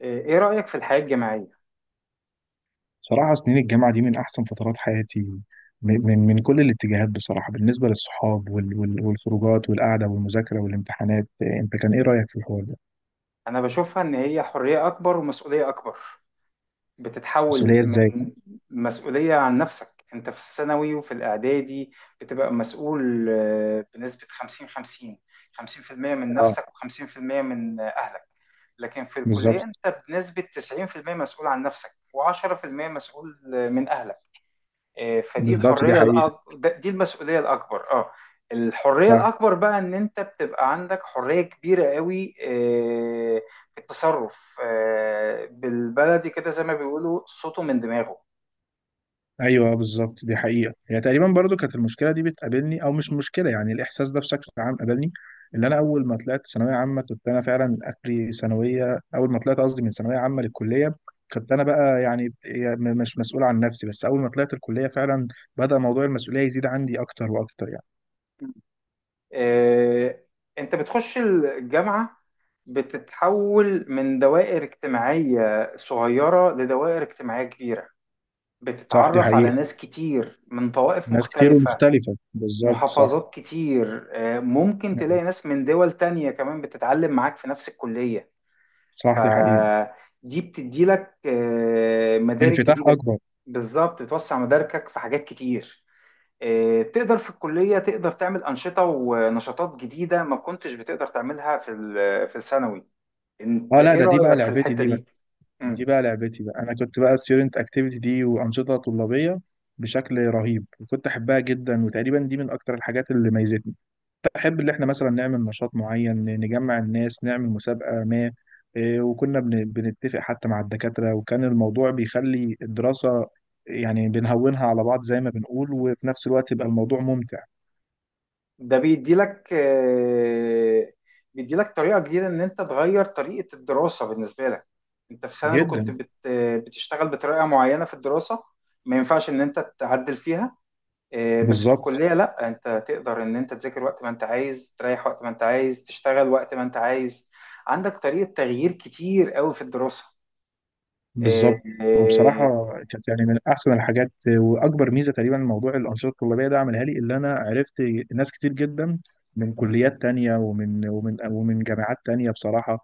ايه رأيك في الحياة الجماعية؟ صراحة سنين الجامعة دي من أحسن فترات حياتي من كل الاتجاهات، بصراحة بالنسبة للصحاب وال وال والخروجات والقعدة والمذاكرة والامتحانات. أنت كان إيه رأيك في الحوار ده؟ انا بشوفها ان هي حرية اكبر ومسؤولية اكبر بتتحول مسؤولية إزاي؟ من مسؤولية عن نفسك انت في الثانوي وفي الاعدادي بتبقى مسؤول، بنسبة 50 50. 50% من آه. نفسك و50% من اهلك. لكن في الكلية بالظبط، انت بنسبة 90% مسؤول عن نفسك و10% مسؤول من اهلك. فدي بالظبط دي الحريه حقيقة. الأك... ده- دي المسؤوليه الاكبر اه الحريه صح. الاكبر بقى ان انت بتبقى عندك حريه كبيره قوي، في التصرف، بالبلدي كده زي ما بيقولوا صوته من دماغه. ايوه، آه، بالظبط دي حقيقه. هي تقريبا برضو كانت المشكله دي بتقابلني، او مش مشكله، يعني الاحساس ده بشكل عام قابلني اللي انا اول ما طلعت ثانويه عامه، كنت انا فعلا اخري ثانويه اول ما طلعت، قصدي من ثانويه عامه للكليه، كنت انا بقى يعني مش مسؤول عن نفسي. بس اول ما طلعت الكليه فعلا بدا موضوع المسؤوليه يزيد عندي اكتر واكتر يعني. آه، انت بتخش الجامعه، بتتحول من دوائر اجتماعيه صغيره لدوائر اجتماعيه كبيره. صح دي بتتعرف على حقيقه. ناس كتير من طوائف ناس كتير مختلفه، ومختلفه، بالظبط صح. محافظات كتير. ممكن تلاقي أيوة. ناس من دول تانية كمان بتتعلم معاك في نفس الكلية. صح دي حقيقه. فدي بتدي لك مدارك انفتاح جديدة. اكبر. بالظبط بتوسع مداركك في حاجات كتير. تقدر في الكلية، تقدر تعمل أنشطة ونشاطات جديدة ما كنتش بتقدر تعملها في في الثانوي. انت اه لا ايه ده دي بقى رأيك في لعبتي الحتة دي. دي؟ دي بقى لعبتي بقى، انا كنت بقى ستودنت اكتيفيتي دي وانشطه طلابيه بشكل رهيب، وكنت احبها جدا، وتقريبا دي من اكتر الحاجات اللي ميزتني. بحب اللي احنا مثلا نعمل نشاط معين، نجمع الناس، نعمل مسابقه ما. إيه، وكنا بنتفق حتى مع الدكاتره، وكان الموضوع بيخلي الدراسه يعني بنهونها على بعض زي ما بنقول، وفي نفس الوقت يبقى الموضوع ممتع ده بيديلك، بيديلك طريقة جديدة إن أنت تغير طريقة الدراسة بالنسبة لك. أنت في ثانوي كنت جدا. بتشتغل بطريقة معينة في الدراسة، ما ينفعش إن أنت تعدل فيها. بس في بالظبط، الكلية لأ، أنت تقدر إن أنت تذاكر وقت ما أنت عايز، تريح وقت ما أنت عايز، تشتغل وقت ما أنت عايز. عندك طريقة تغيير كتير قوي في الدراسة. آه، بالظبط. آه وبصراحة كانت يعني من أحسن الحاجات. وأكبر ميزة تقريبا موضوع الأنشطة الطلابية ده عملها لي، اللي أنا عرفت ناس كتير جدا من كليات تانية ومن جامعات تانية بصراحة.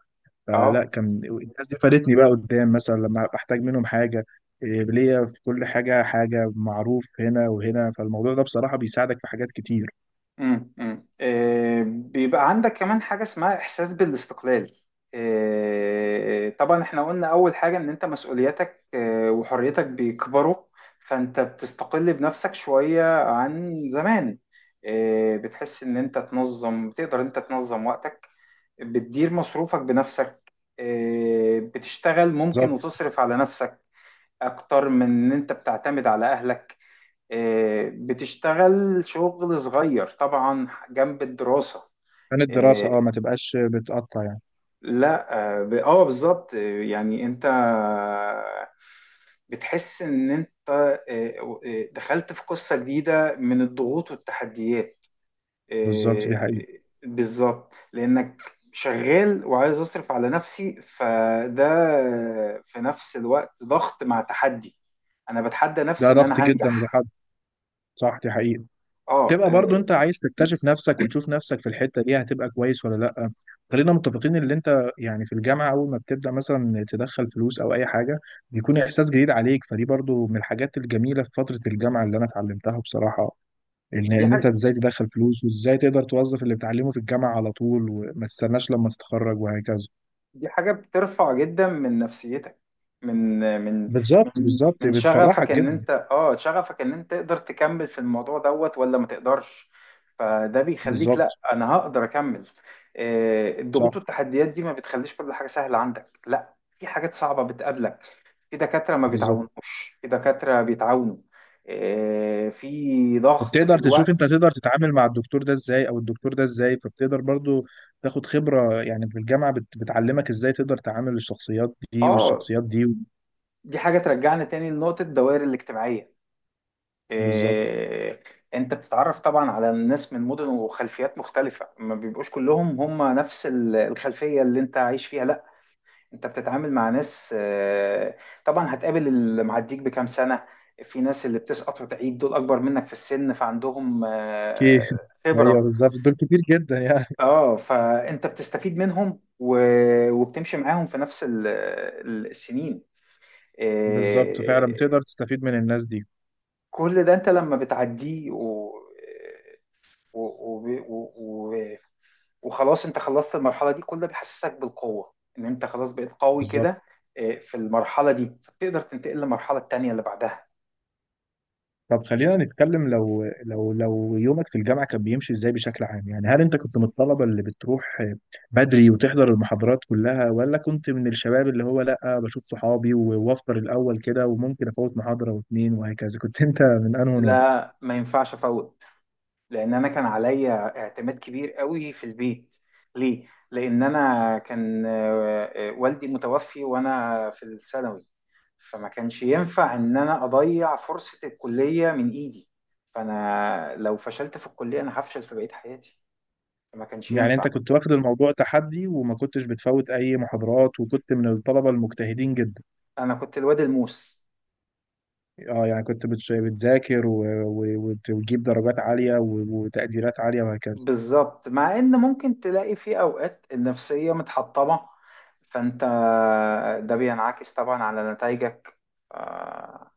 فلا آه. كان الناس دي فادتني بقى قدام مثلا لما بحتاج منهم حاجة. إيه، ليا في كل حاجة حاجة، معروف هنا وهنا، فالموضوع ده بصراحة بيساعدك في حاجات كتير. بيبقى عندك كمان حاجة اسمها إحساس بالاستقلال. طبعا احنا قلنا أول حاجة إن أنت مسؤولياتك، وحريتك بيكبروا. فأنت بتستقل بنفسك شوية عن زمان. بتحس إن أنت تنظم، بتقدر أنت تنظم وقتك. بتدير مصروفك بنفسك. بتشتغل ممكن بالظبط. وتصرف على نفسك أكتر من إن أنت بتعتمد على أهلك. بتشتغل شغل صغير طبعا جنب الدراسة. كان آه، الدراسة اه ما تبقاش بتقطع يعني. لا. بالظبط. يعني انت بتحس ان انت، دخلت في قصة جديدة من الضغوط والتحديات. بالظبط آه، دي حقيقة. بالظبط لانك شغال وعايز اصرف على نفسي، فده في نفس الوقت ضغط مع تحدي. انا بتحدى نفسي ده ان ضغط انا جدا هنجح. لحد. صح دي حقيقة. اه تبقى برضو انت عايز آه، تكتشف نفسك وتشوف نفسك في الحتة دي هتبقى كويس ولا لا. خلينا متفقين ان انت يعني في الجامعة اول ما بتبدأ مثلا تدخل فلوس او اي حاجة، بيكون احساس جديد عليك، فدي برضو من الحاجات الجميلة في فترة الجامعة اللي انا اتعلمتها بصراحة، ان دي ان انت حاجة ازاي تدخل فلوس، وازاي تقدر توظف اللي بتعلمه في الجامعة على طول، وما تستناش لما تتخرج وهكذا. دي حاجة بترفع جدا من نفسيتك، من من بالظبط، من بالظبط من شغفك بتفرحك ان جدا. انت اه شغفك ان انت تقدر تكمل في الموضوع دوت ولا ما تقدرش. فده بيخليك، بالظبط. لا انا هقدر اكمل. الضغوط صح. والتحديات دي ما بتخليش كل حاجة سهلة عندك، لا في حاجات صعبة بتقابلك. في دكاترة ما بالظبط. بيتعاونوش، في دكاترة بيتعاونوا. في ضغط في وبتقدر تشوف الوقت. انت تقدر تتعامل مع الدكتور ده ازاي او الدكتور ده ازاي، فبتقدر برضو تاخد خبرة. يعني في الجامعة بتعلمك ازاي تقدر تعامل الشخصيات دي اه والشخصيات دي. دي حاجة ترجعنا تاني لنقطة الدوائر الاجتماعية. بالظبط. إيه، انت بتتعرف طبعا على الناس من مدن وخلفيات مختلفة، ما بيبقوش كلهم هم نفس الخلفية اللي انت عايش فيها، لا. انت بتتعامل مع ناس. طبعا هتقابل اللي معديك بكام سنة. في ناس اللي بتسقط وتعيد، دول اكبر منك في السن، فعندهم كيف ايوه خبرة. بالظبط، دول كتير جدا يعني. اه فانت بتستفيد منهم وبتمشي معاهم في نفس السنين. بالظبط فعلا إيه، بتقدر تستفيد من الناس دي. كل ده انت لما بتعديه، و- وب- و- و- وخلاص انت خلصت المرحله دي كلها، بيحسسك بالقوه ان انت خلاص بقيت قوي بالظبط. كده. اه، في المرحله دي فبتقدر تنتقل للمرحله التانيه اللي بعدها. طب خلينا نتكلم، لو يومك في الجامعة كان بيمشي ازاي بشكل عام؟ يعني هل انت كنت من الطلبة اللي بتروح بدري وتحضر المحاضرات كلها، ولا كنت من الشباب اللي هو لا بشوف صحابي و- وافطر الأول كده وممكن افوت محاضرة واتنين وهكذا؟ كنت انت من انهي نوع؟ لا، ما ينفعش افوت، لان انا كان عليا اعتماد كبير قوي في البيت. ليه؟ لان انا كان اه، والدي متوفي وانا في الثانوي، فما كانش ينفع ان انا اضيع فرصه الكليه من ايدي. فانا لو فشلت في الكليه انا هفشل في بقيه حياتي، فما كانش يعني انت ينفع. كنت واخد الموضوع تحدي وما كنتش بتفوت اي محاضرات، وكنت من الطلبة المجتهدين جدا. انا كنت الواد الموس. اه، يعني كنت بتذاكر و وتجيب درجات عالية و وتقديرات عالية وهكذا. بالظبط، مع ان ممكن تلاقي في اوقات النفسية متحطمة، فانت ده بينعكس طبعا على نتائجك. آه،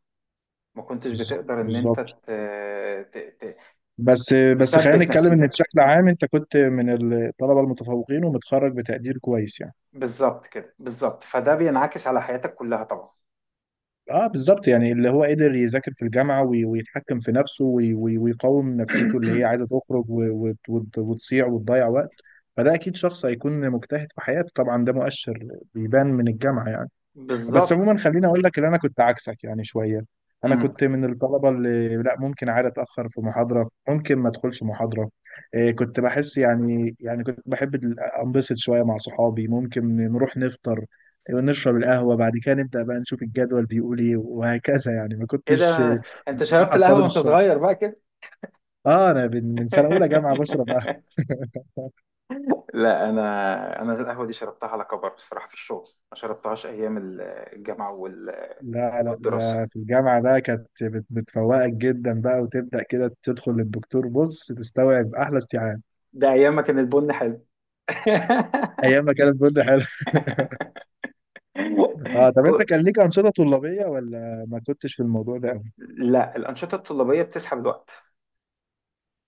ما كنتش بالظبط، بتقدر ان انت بالظبط. ت- ت- بس خلينا تثبت نتكلم ان نفسيتك. بشكل عام انت كنت من الطلبه المتفوقين ومتخرج بتقدير كويس يعني. بالظبط كده، بالظبط، فده بينعكس على حياتك كلها طبعا. اه بالظبط، يعني اللي هو قدر يذاكر في الجامعه ويتحكم في نفسه وي- وي- ويقاوم نفسيته اللي هي عايزه تخرج و وتصيع وتضيع وقت، فده اكيد شخص هيكون مجتهد في حياته. طبعا ده مؤشر بيبان من الجامعه يعني. بس بالظبط. عموما خليني اقول لك ان انا كنت عكسك يعني شويه. انا مم. كنت من الطلبه اللي لا، ممكن عادي اتاخر في محاضره، ممكن ما ادخلش محاضره. إيه كنت بحس يعني، يعني كنت بحب انبسط شويه مع صحابي، ممكن نروح نفطر، إيه، نشرب القهوه، بعد كده نبدا بقى نشوف الجدول بيقول ايه وهكذا يعني. ما ايه كنتش ده، انت شربت بصراحه القهوة الطالب وانت الشاطر. صغير بقى كده؟ اه انا من سنه اولى جامعه بشرب قهوه لا، انا القهوه دي شربتها على كبر بصراحه، في الشغل. ما شربتهاش ايام الجامعه لا لا، والدراسه. ده في الجامعة بقى كانت بتفوقك جدا بقى، وتبدأ كده تدخل للدكتور بص تستوعب أحلى استيعاب. ده ايام ما كان البن حلو. أيام ما كانت برضه حلوة. اه، طب أنت كو- كان ليك أنشطة طلابية ولا ما كنتش في الموضوع ده أوي؟ لا، الانشطه الطلابيه بتسحب الوقت.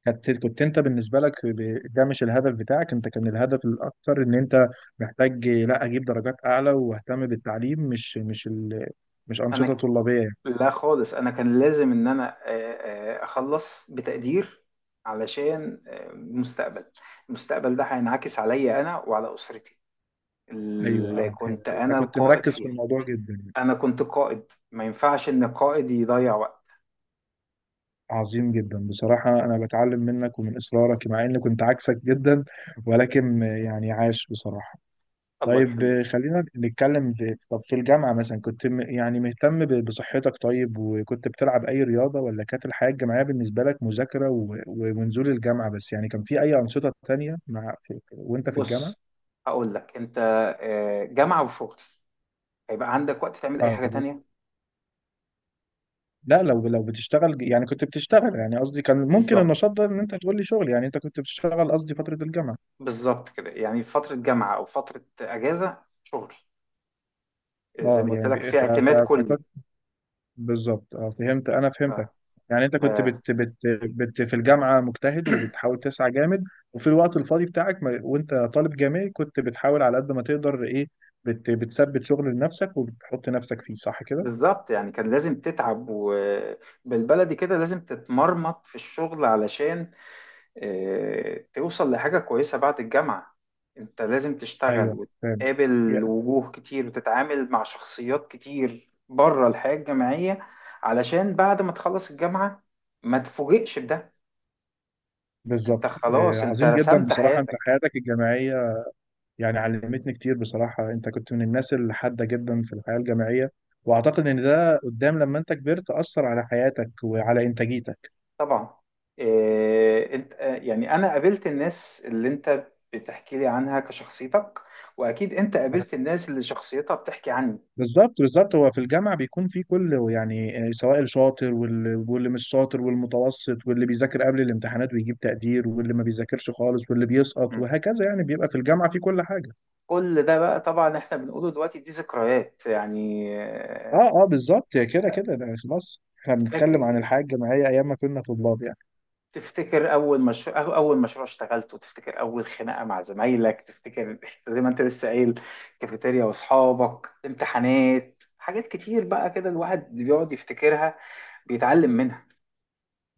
كنت، كنت أنت بالنسبة لك ده مش الهدف بتاعك. أنت كان الهدف الأكتر إن أنت محتاج لا أجيب درجات أعلى وأهتم بالتعليم، مش مش انا أنشطة ك- طلابية يعني. لا خالص، انا كان لازم ان انا اخلص بتقدير، علشان المستقبل ده هينعكس عليا انا وعلى اسرتي أيوه اللي اه كنت فهمت، أنت انا كنت القائد مركز في فيها. الموضوع جدا. انا كنت قائد، ما ينفعش ان القائد يضيع وقت. عظيم جدا بصراحة، أنا بتعلم منك ومن إصرارك مع إني كنت عكسك جدا، ولكن يعني عاش بصراحة. الله طيب يخليك. خلينا نتكلم في، طب في الجامعة مثلا كنت يعني مهتم بصحتك؟ طيب وكنت بتلعب أي رياضة، ولا كانت الحياة الجامعية بالنسبة لك مذاكرة و ونزول الجامعة بس؟ يعني كان في أي أنشطة تانية مع وأنت في الجامعة؟ بص، هقول لك انت، جامعة وشغل، هيبقى عندك وقت تعمل اي آه، حاجة تانية؟ لا، لو بتشتغل يعني كنت بتشتغل، يعني قصدي كان ممكن بالظبط، النشاط ده إن أنت تقول لي شغل، يعني أنت كنت بتشتغل قصدي فترة الجامعة. بالظبط كده، يعني فترة جامعة او فترة اجازة، شغل. زي اه ما قلت لك، يعني في اعتماد كلي. فكنت، بالظبط اه فهمت، انا ف- فهمتك. يعني انت كنت آه، بت في الجامعه مجتهد وبتحاول تسعى جامد، وفي الوقت الفاضي بتاعك ما وانت طالب جامعي كنت بتحاول على قد ما تقدر ايه بتثبت شغل لنفسك وبتحط نفسك فيه، صح كده؟ بالظبط، يعني كان لازم تتعب، وبالبلدي كده لازم تتمرمط في الشغل علشان توصل لحاجة كويسة بعد الجامعة. انت لازم تشتغل ايوه فاهم. وتقابل يا- وجوه كتير وتتعامل مع شخصيات كتير بره الحياة الجامعية، علشان بعد ما تخلص الجامعة ما تفوجئش بده. انت بالظبط آه، خلاص انت عظيم جدا رسمت بصراحه. انت حياتك. حياتك الجامعيه يعني علمتني كتير بصراحه، انت كنت من الناس الحاده جدا في الحياه الجامعيه، واعتقد ان ده قدام لما انت كبرت اثر على حياتك وعلى انتاجيتك. طبعا، آه، انت آه، يعني انا قابلت الناس اللي انت بتحكي لي عنها كشخصيتك، واكيد انت قابلت الناس اللي شخصيتها بتحكي عني. بالظبط، بالظبط. هو في الجامعة بيكون في كل يعني آه، سواء الشاطر، واللي, واللي مش شاطر، والمتوسط، واللي بيذاكر قبل الامتحانات ويجيب تقدير، واللي ما بيذاكرش خالص، واللي بيسقط م. وهكذا، يعني بيبقى في الجامعة في كل حاجة. كل ده بقى طبعا احنا بنقوله دلوقتي، دي ذكريات يعني. اه بالظبط، كده كده ده خلاص. احنا بنتكلم عن فاكر، الحياة الجامعية ايام ما كنا طلاب يعني. تفتكر اول مشروع اشتغلته، تفتكر اول خناقه مع زمايلك، تفتكر زي ما انت لسه قايل، كافيتيريا واصحابك، امتحانات، حاجات كتير بقى كده الواحد بيقعد يفتكرها، بيتعلم منها.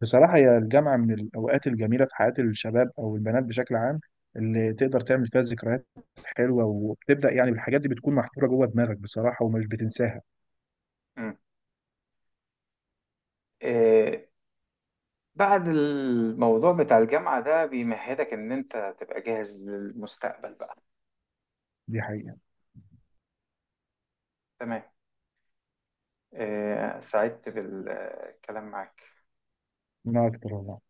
بصراحة هي الجامعة من الاوقات الجميلة في حياة الشباب او البنات بشكل عام، اللي تقدر تعمل فيها ذكريات حلوة، وبتبدأ يعني بالحاجات دي بتكون محفورة جوه دماغك بصراحة ومش بتنساها. مم. آه بعد الموضوع بتاع الجامعه ده بيمهدك ان انت تبقى جاهز للمستقبل بقى. دي حقيقة. تمام. سعدت بالكلام معاك. من أكتر والله.